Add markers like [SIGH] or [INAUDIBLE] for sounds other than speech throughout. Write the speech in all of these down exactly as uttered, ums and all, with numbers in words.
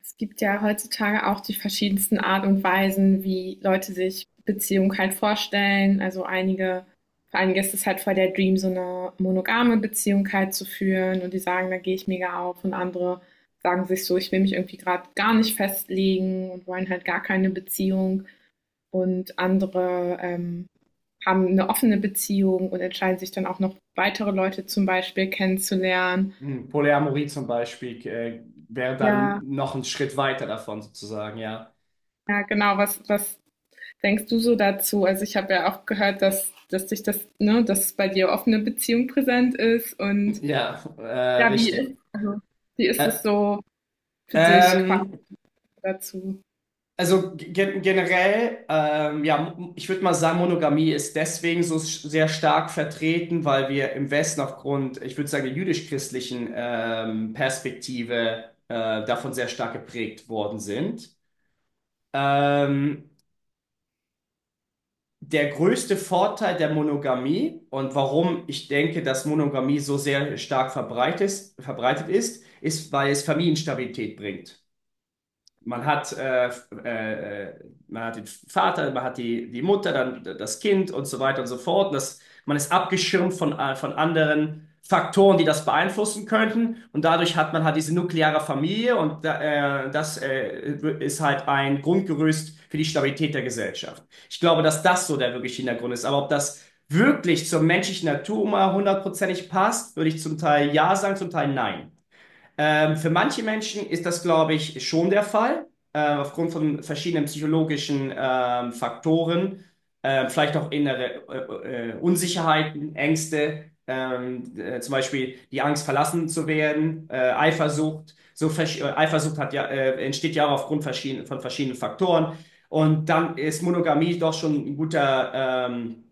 Es gibt ja heutzutage auch die verschiedensten Art und Weisen, wie Leute sich Beziehung halt vorstellen. Also einige, für einige ist es halt voll der Dream, so eine monogame Beziehung halt zu führen und die sagen, da gehe ich mega auf, und andere sagen sich so, ich will mich irgendwie gerade gar nicht festlegen und wollen halt gar keine Beziehung, und andere ähm, haben eine offene Beziehung und entscheiden sich dann auch noch weitere Leute zum Beispiel kennenzulernen. Hm, Polyamorie zum Beispiel äh, wäre dann Ja, noch ein Schritt weiter davon sozusagen, ja. ja, genau, was, was denkst du so dazu? Also ich habe ja auch gehört, dass, dass dich das, ne, dass bei dir offene Beziehung präsent ist. Und Ja, äh, ja, wie richtig. ist, also, wie ist Ä- es so für dich quasi ähm, dazu? also ge generell, ähm, ja, m- ich würde mal sagen, Monogamie ist deswegen so sch- sehr stark vertreten, weil wir im Westen aufgrund, ich würde sagen, der jüdisch-christlichen ähm, Perspektive äh, davon sehr stark geprägt worden sind. Ähm, Der größte Vorteil der Monogamie und warum ich denke, dass Monogamie so sehr stark verbreitet ist, verbreitet ist, ist, weil es Familienstabilität bringt. Man hat, äh, äh, äh, man hat den Vater, man hat die, die Mutter, dann das Kind und so weiter und so fort. Und das, man ist abgeschirmt von, äh, von anderen Faktoren, die das beeinflussen könnten. Und dadurch hat man halt diese nukleare Familie und da äh, das äh, ist halt ein Grundgerüst für die Stabilität der Gesellschaft. Ich glaube, dass das so der wirkliche Hintergrund ist. Aber ob das wirklich zur menschlichen Natur mal hundertprozentig passt, würde ich zum Teil ja sagen, zum Teil nein. Ähm, für manche Menschen ist das, glaube ich, schon der Fall, äh, aufgrund von verschiedenen psychologischen ähm, Faktoren, äh, vielleicht auch innere äh, äh, Unsicherheiten, Ängste, ähm, äh, zum Beispiel die Angst, verlassen zu werden, äh, Eifersucht. So versch- äh, Eifersucht hat ja, äh, entsteht ja auch aufgrund verschieden, von verschiedenen Faktoren. Und dann ist Monogamie doch schon ein guter ähm,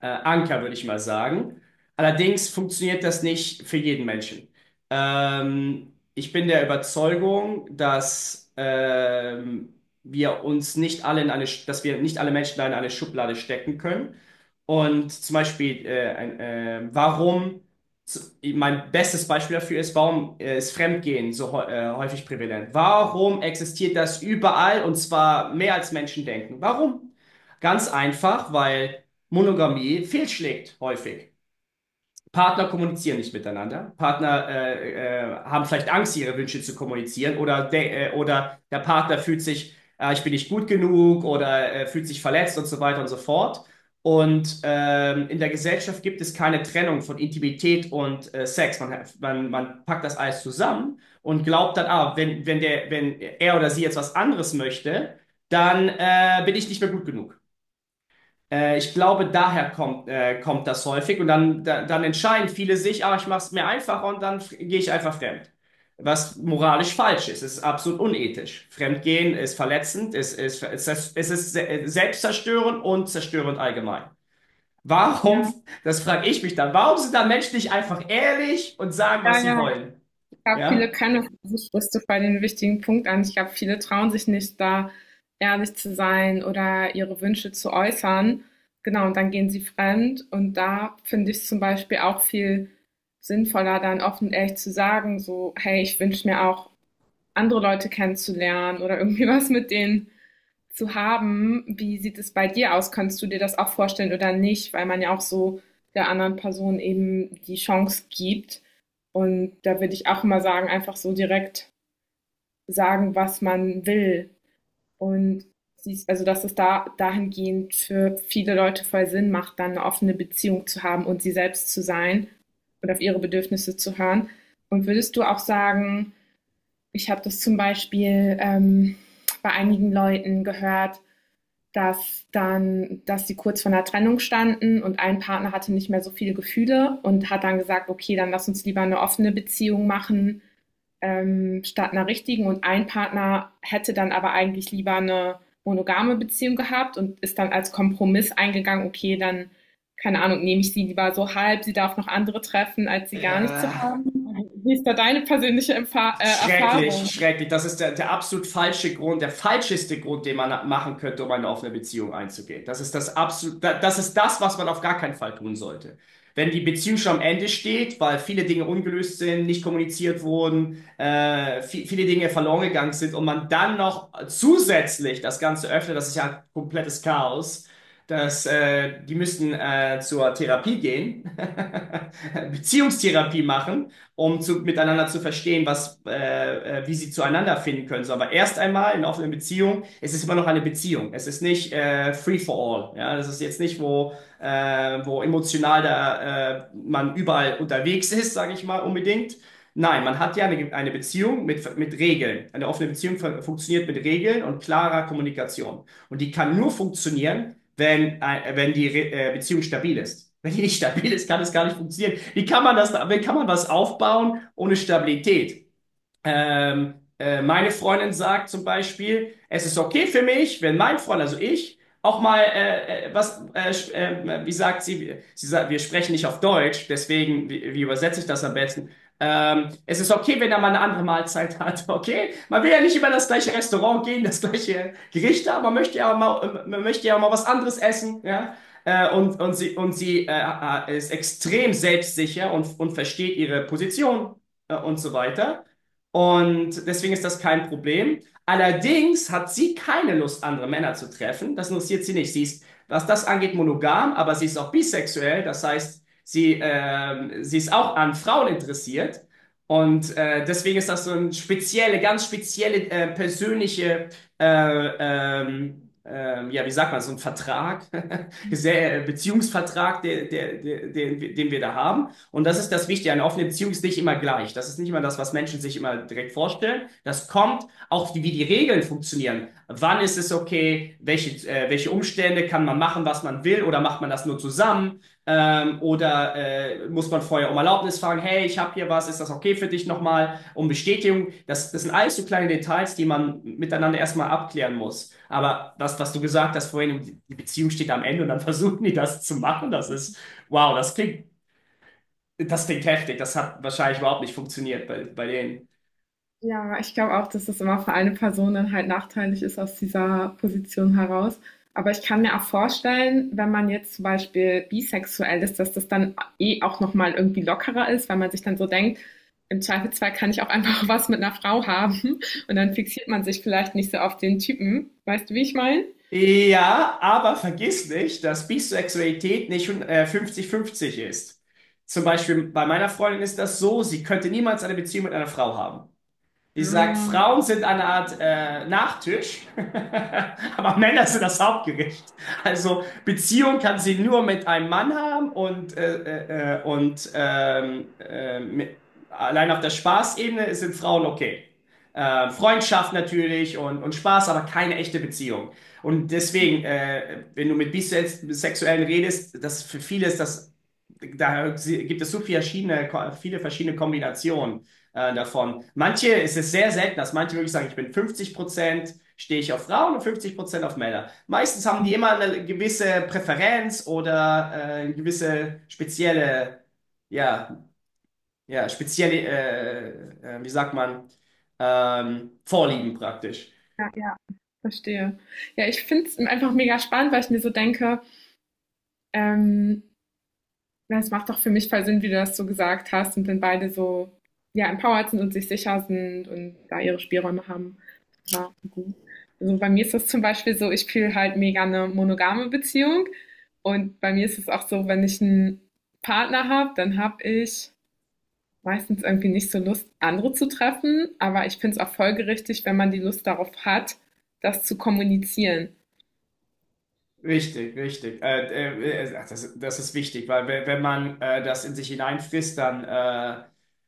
äh, Anker, würde ich mal sagen. Allerdings funktioniert das nicht für jeden Menschen. Ähm, ich bin der Überzeugung, dass ähm, wir uns nicht alle in eine, dass wir nicht alle Menschen da in eine Schublade stecken können. Und zum Beispiel, äh, ein, äh, warum, z- mein bestes Beispiel dafür ist: warum äh, ist Fremdgehen so hä- äh, häufig prävalent? Warum existiert das überall und zwar mehr als Menschen denken? Warum? Ganz einfach, weil Monogamie fehlschlägt häufig. Partner kommunizieren nicht miteinander. Partner äh, äh, haben vielleicht Angst, ihre Wünsche zu kommunizieren oder, de äh, oder der Partner fühlt sich, äh, ich bin nicht gut genug, oder äh, fühlt sich verletzt und so weiter und so fort. Und ähm, in der Gesellschaft gibt es keine Trennung von Intimität und äh, Sex. Man, man, man packt das alles zusammen und glaubt dann, ah, wenn, wenn, der, wenn er oder sie jetzt was anderes möchte, dann äh, bin ich nicht mehr gut genug. Äh, ich glaube, daher kommt, äh, kommt das häufig und dann, da, dann entscheiden viele sich, ah, ich mache es mir einfacher und dann f- gehe ich einfach fremd. Was moralisch falsch ist. Es ist absolut unethisch. Fremdgehen ist verletzend, es ist, es ist, es ist se- äh, selbstzerstörend und zerstörend allgemein. Ja, Warum, das frage ich mich dann, warum sind da Menschen nicht einfach ehrlich und sagen, ja, was sie ja. wollen? Ich glaube, viele Ja? können das, das sprichst du bei den wichtigen Punkt an. Ich glaube, viele trauen sich nicht, da ehrlich zu sein oder ihre Wünsche zu äußern. Genau, und dann gehen sie fremd. Und da finde ich es zum Beispiel auch viel sinnvoller, dann offen und ehrlich zu sagen, so, hey, ich wünsche mir auch andere Leute kennenzulernen oder irgendwie [LAUGHS] was mit denen zu haben. Wie sieht es bei dir aus? Kannst du dir das auch vorstellen oder nicht? Weil man ja auch so der anderen Person eben die Chance gibt. Und da würde ich auch immer sagen, einfach so direkt sagen, was man will. Und siehst, also dass es da dahingehend für viele Leute voll Sinn macht, dann eine offene Beziehung zu haben und sie selbst zu sein und auf ihre Bedürfnisse zu hören. Und würdest du auch sagen, ich habe das zum Beispiel ähm, bei einigen Leuten gehört, dass dann, dass sie kurz vor einer Trennung standen und ein Partner hatte nicht mehr so viele Gefühle und hat dann gesagt, okay, dann lass uns lieber eine offene Beziehung machen, ähm, statt einer richtigen. Und ein Partner hätte dann aber eigentlich lieber eine monogame Beziehung gehabt und ist dann als Kompromiss eingegangen, okay, dann, keine Ahnung, nehme ich sie lieber so halb, sie darf noch andere treffen, als sie gar nicht zu Ja. haben. Wie ist da deine persönliche Erfahrung? Schrecklich, schrecklich. Das ist der, der absolut falsche Grund, der falscheste Grund, den man machen könnte, um eine offene Beziehung einzugehen. Das ist das absolut, da- das ist das, was man auf gar keinen Fall tun sollte. Wenn die Beziehung schon am Ende steht, weil viele Dinge ungelöst sind, nicht kommuniziert wurden, äh, vi- viele Dinge verloren gegangen sind und man dann noch zusätzlich das Ganze öffnet, das ist ja ein komplettes Chaos. Dass, äh, die müssten äh, zur Therapie gehen, [LAUGHS] Beziehungstherapie machen, um zu, miteinander zu verstehen, was, äh, äh, wie sie zueinander finden können. So, aber erst einmal, in offenen Beziehungen, es ist immer noch eine Beziehung. Es ist nicht äh, free for all. Ja, das ist jetzt nicht, wo, äh, wo emotional da äh, man überall unterwegs ist, sage ich mal unbedingt. Nein, man hat ja eine, eine Beziehung mit, mit Regeln. Eine offene Beziehung fun- funktioniert mit Regeln und klarer Kommunikation. Und die kann nur funktionieren, wenn, äh, wenn die Re äh, Beziehung stabil ist. Wenn die nicht stabil ist, kann es gar nicht funktionieren. Wie kann man das, wie kann man was aufbauen ohne Stabilität? Ähm, äh, meine Freundin sagt zum Beispiel, es ist okay für mich, wenn mein Freund, also ich, auch mal äh, äh, was, äh, sch- äh, wie sagt sie, sie sagt, wir sprechen nicht auf Deutsch, deswegen, wie, wie übersetze ich das am besten? Ähm, es ist okay, wenn er mal eine andere Mahlzeit [LAUGHS] hat, okay? Man will ja nicht immer das gleiche Restaurant gehen, das gleiche Gericht, aber man möchte ja auch mal, man möchte ja auch mal was anderes essen, ja? Äh, und, und sie, und sie äh, äh, ist extrem selbstsicher und, und versteht ihre Position, äh, und so weiter. Und deswegen ist das kein Problem. Allerdings hat sie keine Lust, andere Männer zu treffen. Das interessiert sie nicht. Sie ist, was das angeht, monogam, aber sie ist auch bisexuell. Das heißt, sie, ähm, sie ist auch an Frauen interessiert. Und äh, deswegen ist das so eine spezielle, ganz spezielle äh, persönliche, äh, ähm, ähm, ja, wie sagt man, so ein Vertrag, [LAUGHS] Sehr- äh, Beziehungsvertrag, der, der, der, den, den wir da haben. Und das ist das Wichtige. Eine offene Beziehung ist nicht immer gleich. Das ist nicht immer das, was Menschen sich immer direkt vorstellen. Das kommt auch, wie die Regeln funktionieren. Wann ist es okay? Welche, äh, welche Umstände? Kann man machen, was man will? Oder macht man das nur zusammen? Ähm, oder äh, muss man vorher um Erlaubnis fragen? Hey, ich habe hier was. Ist das okay für dich nochmal? Um Bestätigung. Das, das sind alles so kleine Details, die man miteinander erstmal abklären muss. Aber das, was du gesagt hast vorhin, die Beziehung steht am Ende und dann [LAUGHS] versuchen die das zu machen. Das ist, wow, das klingt das klingt heftig, das hat wahrscheinlich überhaupt nicht funktioniert bei, bei denen. Ja, ich glaube auch, dass es immer für eine Person dann halt nachteilig ist aus dieser Position heraus. Aber ich kann mir auch vorstellen, wenn man jetzt zum Beispiel bisexuell ist, dass das dann eh auch nochmal irgendwie lockerer ist, weil man sich dann so denkt, im Zweifelsfall kann ich auch einfach [LAUGHS] was mit einer Frau haben und dann fixiert man sich vielleicht nicht so auf den Typen. Weißt du, wie ich meine? Ja, aber vergiss nicht, dass Bisexualität nicht äh, fünfzig fünfzig ist. Zum Beispiel bei meiner Freundin ist das so, sie könnte niemals eine Beziehung mit einer Frau haben. Ich sag, Ah, Frauen sind eine Art äh, Nachtisch, [LAUGHS] aber Männer sind das Hauptgericht. Also Beziehung kann sie nur mit einem Mann haben, und, äh, äh, äh, und ähm, äh, mit, allein auf der Spaßebene sind Frauen okay. Äh, Freundschaft natürlich und, und Spaß, aber keine echte Beziehung. Und deswegen, äh, wenn du mit Bisexuellen redest, das für viele ist das, da gibt es so viele verschiedene, viele verschiedene Kombinationen äh, davon. Manche, es ist sehr selten, dass manche wirklich sagen, ich bin fünfzig Prozent stehe ich auf Frauen und fünfzig Prozent auf Männer. Meistens haben die immer eine gewisse Präferenz oder äh, eine gewisse spezielle, ja, ja, spezielle, äh, äh, wie sagt man, ähm, Vorlieben praktisch. ja, ja. Verstehe. Ja, ich finde es einfach mega spannend, weil ich mir so denke, ähm, das macht doch für mich voll Sinn, wie du das so gesagt hast, und wenn beide so ja, empowered sind und sich sicher sind und da ihre Spielräume haben. Ja, gut. Also bei mir ist das zum Beispiel so, ich fühle halt mega eine monogame Beziehung. Und bei mir ist es auch so, wenn ich einen Partner habe, dann habe ich meistens irgendwie nicht so Lust, andere zu treffen. Aber ich finde es auch folgerichtig, wenn man die Lust darauf hat, das zu kommunizieren. Richtig, richtig. Äh, äh, äh, ach, das, das ist wichtig, weil we- wenn man äh, das in sich hineinfrisst, dann äh,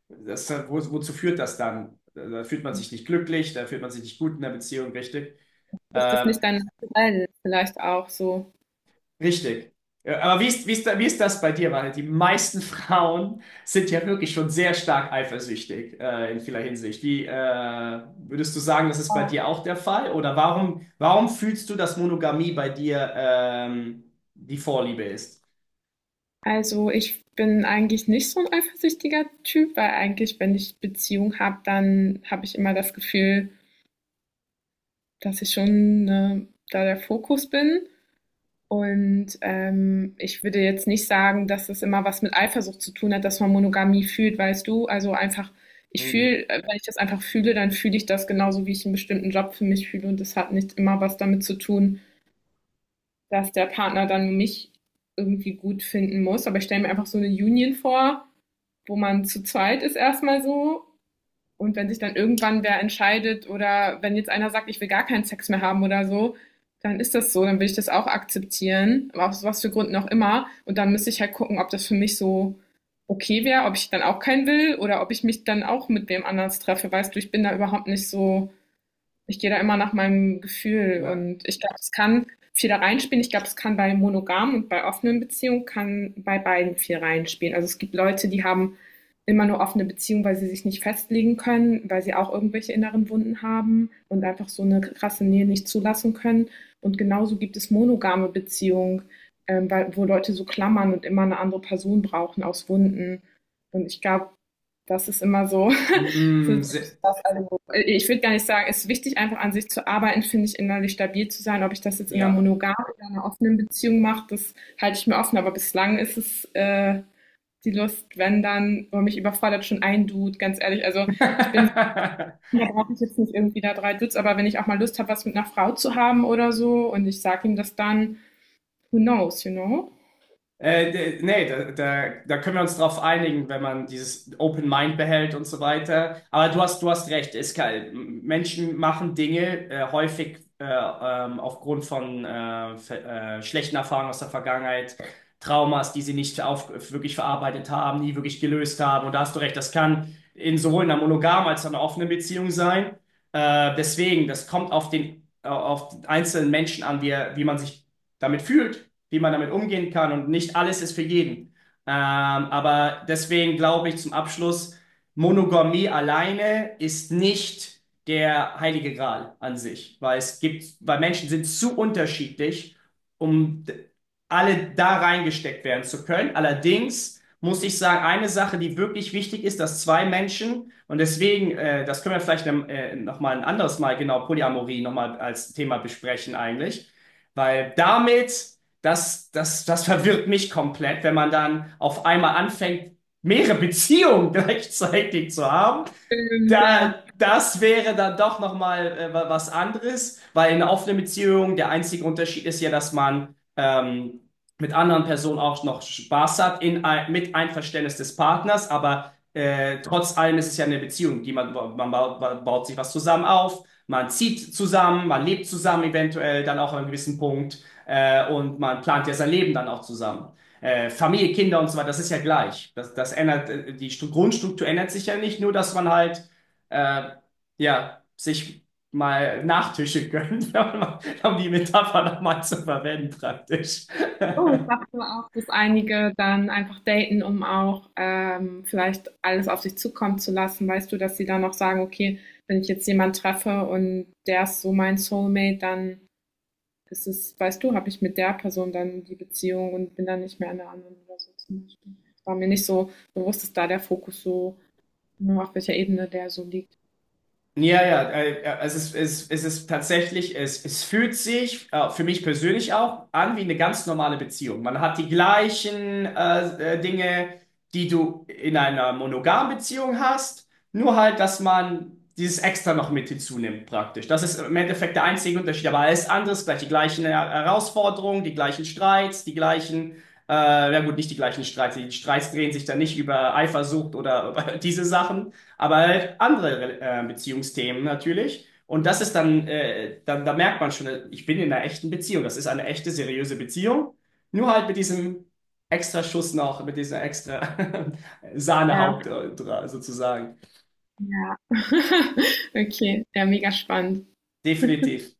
das, wo, wozu führt das dann? Da fühlt man sich nicht glücklich, da fühlt man sich nicht gut in der Beziehung, richtig? Ist das Ähm, nicht dann vielleicht auch so? Richtig. Ja, aber wie ist, wie ist, da- wie ist das bei dir? Weil die meisten [LAUGHS] Frauen sind ja wirklich schon sehr stark eifersüchtig, äh, in vieler Hinsicht. Wie äh, würdest du sagen, das ist bei dir auch der Fall? Oder warum, warum fühlst du, dass Monogamie bei dir ähm, die Vorliebe ist? Also, ich bin eigentlich nicht so ein eifersüchtiger Typ, weil eigentlich, wenn ich Beziehung habe, dann habe ich immer das Gefühl, dass ich schon, ne, da der Fokus bin. Und, ähm, ich würde jetzt nicht sagen, dass es immer was mit Eifersucht zu tun hat, dass man Monogamie fühlt, weißt du? Also, einfach ich fühle äh, wenn ich das einfach fühle, dann fühle ich das genauso, wie ich einen bestimmten Job für mich fühle, und das hat nicht immer was damit zu tun, dass der Partner dann mich irgendwie gut finden muss. Aber ich stelle mir einfach so eine Union vor, wo man zu zweit ist erstmal so. Und wenn sich dann irgendwann wer entscheidet oder wenn jetzt einer sagt, ich will gar keinen Sex mehr haben oder so, dann ist das so, dann will ich das auch akzeptieren, aber aus was für Gründen auch immer. Und dann müsste ich halt gucken, ob das für mich so okay wäre, ob ich dann auch keinen will oder ob ich mich dann auch mit wem anders treffe. Weißt du, ich bin da überhaupt nicht so, ich gehe da immer nach meinem Gefühl, Na, und ich glaube, es kann viel da reinspielen. Ich glaube, es kann bei monogamen und bei offenen Beziehungen kann bei beiden viel reinspielen. Also es gibt Leute, die haben immer nur offene Beziehungen, weil sie sich nicht festlegen können, weil sie auch irgendwelche inneren Wunden haben und einfach so eine krasse Nähe nicht zulassen können. Und genauso gibt es monogame Beziehungen, ähm, weil, wo Leute so klammern und immer eine andere Person brauchen aus Wunden. Und ich glaube, das ist immer so [LAUGHS] für mm, sich. se- Das, also, ich würde gar nicht sagen, es ist wichtig, einfach an sich zu arbeiten, finde ich, innerlich stabil zu sein. Ob ich das jetzt in einer ja. monogamen oder einer offenen Beziehung mache, das halte ich mir offen. Aber bislang ist es äh, die Lust, wenn dann, wo mich überfordert schon ein Dude, ganz ehrlich. Also ich bin [LAUGHS] so, da brauche ich jetzt nicht irgendwie da drei Dudes, aber wenn ich auch mal Lust habe, was mit einer Frau zu haben oder so und ich sage ihm das dann, who knows, you know? Äh, d- nee, da, da, da können wir uns drauf einigen, wenn man dieses Open Mind behält und so weiter. Aber du hast, du hast recht, es kann, Menschen machen Dinge äh, häufig, äh, ähm, aufgrund von äh, ver- äh, schlechten Erfahrungen aus der Vergangenheit, Traumas, die sie nicht auf, wirklich verarbeitet haben, nie wirklich gelöst haben. Und da hast du recht, das kann in sowohl einer monogamen als auch einer offenen Beziehung sein. Äh, deswegen, das kommt auf den, äh, auf den einzelnen Menschen an, wie, er, wie man sich damit fühlt, wie man damit umgehen kann, und nicht alles ist für jeden. Ähm, aber deswegen glaube ich, zum Abschluss, Monogamie alleine ist nicht der heilige Gral an sich, weil es gibt, weil Menschen sind zu unterschiedlich, um d- alle da reingesteckt werden zu können. Allerdings muss ich sagen, eine Sache, die wirklich wichtig ist, dass zwei Menschen, und deswegen, äh, das können wir vielleicht, ne, äh, nochmal ein anderes Mal, genau, Polyamorie nochmal als Thema besprechen eigentlich, weil damit das, das, das verwirrt mich komplett, wenn man dann auf einmal anfängt, mehrere Beziehungen [LAUGHS] gleichzeitig zu haben. Und, ja, da, Das wäre dann doch nochmal äh, wa- was anderes, weil in einer offenen Beziehung der einzige Unterschied ist ja, dass man ähm, mit anderen Personen auch noch Spaß hat, in, ein- mit Einverständnis des Partners, aber äh, trotz allem ist es ja eine Beziehung, die man, man baut, man baut sich was zusammen auf, man zieht zusammen, man lebt zusammen eventuell dann auch an einem gewissen Punkt, äh, und man plant ja sein Leben dann auch zusammen. Äh, Familie, Kinder und so weiter, das ist ja gleich. Das, das ändert, äh, die Stru- Grundstruktur ändert sich ja nicht, nur dass man halt äh, ja, sich mal Nachtische gönnt, [LAUGHS] um die Metapher nochmal zu verwenden, praktisch. oh, [LAUGHS] ich dachte auch, dass einige dann einfach daten, um auch ähm, vielleicht alles auf sich zukommen zu lassen. Weißt du, dass sie dann auch sagen, okay, wenn ich jetzt jemanden treffe und der ist so mein Soulmate, dann ist es, weißt du, habe ich mit der Person dann die Beziehung und bin dann nicht mehr in der anderen oder so zum Beispiel. War mir nicht so bewusst, dass da der Fokus so, ne, auf welcher Ebene der so liegt. Ja, ja, äh, ja, es ist, es, es ist tatsächlich, es, es fühlt sich äh, für mich persönlich auch an wie eine ganz normale Beziehung. Man hat die gleichen äh, äh, Dinge, die du in einer monogamen Beziehung hast, nur halt, dass man dieses Extra noch mit hinzunimmt praktisch. Das ist im Endeffekt der einzige Unterschied, aber alles andere ist gleich: die gleichen Her- Herausforderungen, die gleichen Streits, die gleichen, äh, ja gut, nicht die gleichen Streits, die Streits drehen sich dann nicht über Eifersucht oder [LAUGHS] über diese Sachen, aber halt andere äh, Beziehungsthemen natürlich. Und das ist dann, äh, dann, da merkt man schon, äh, ich bin in einer echten Beziehung. Das ist eine echte, seriöse Beziehung. Nur halt mit diesem extra Schuss noch, mit dieser extra [LAUGHS] Sahnehaupt äh, Ja, dra- sozusagen. ja. [LAUGHS] Okay, ja, mega spannend. Definitiv.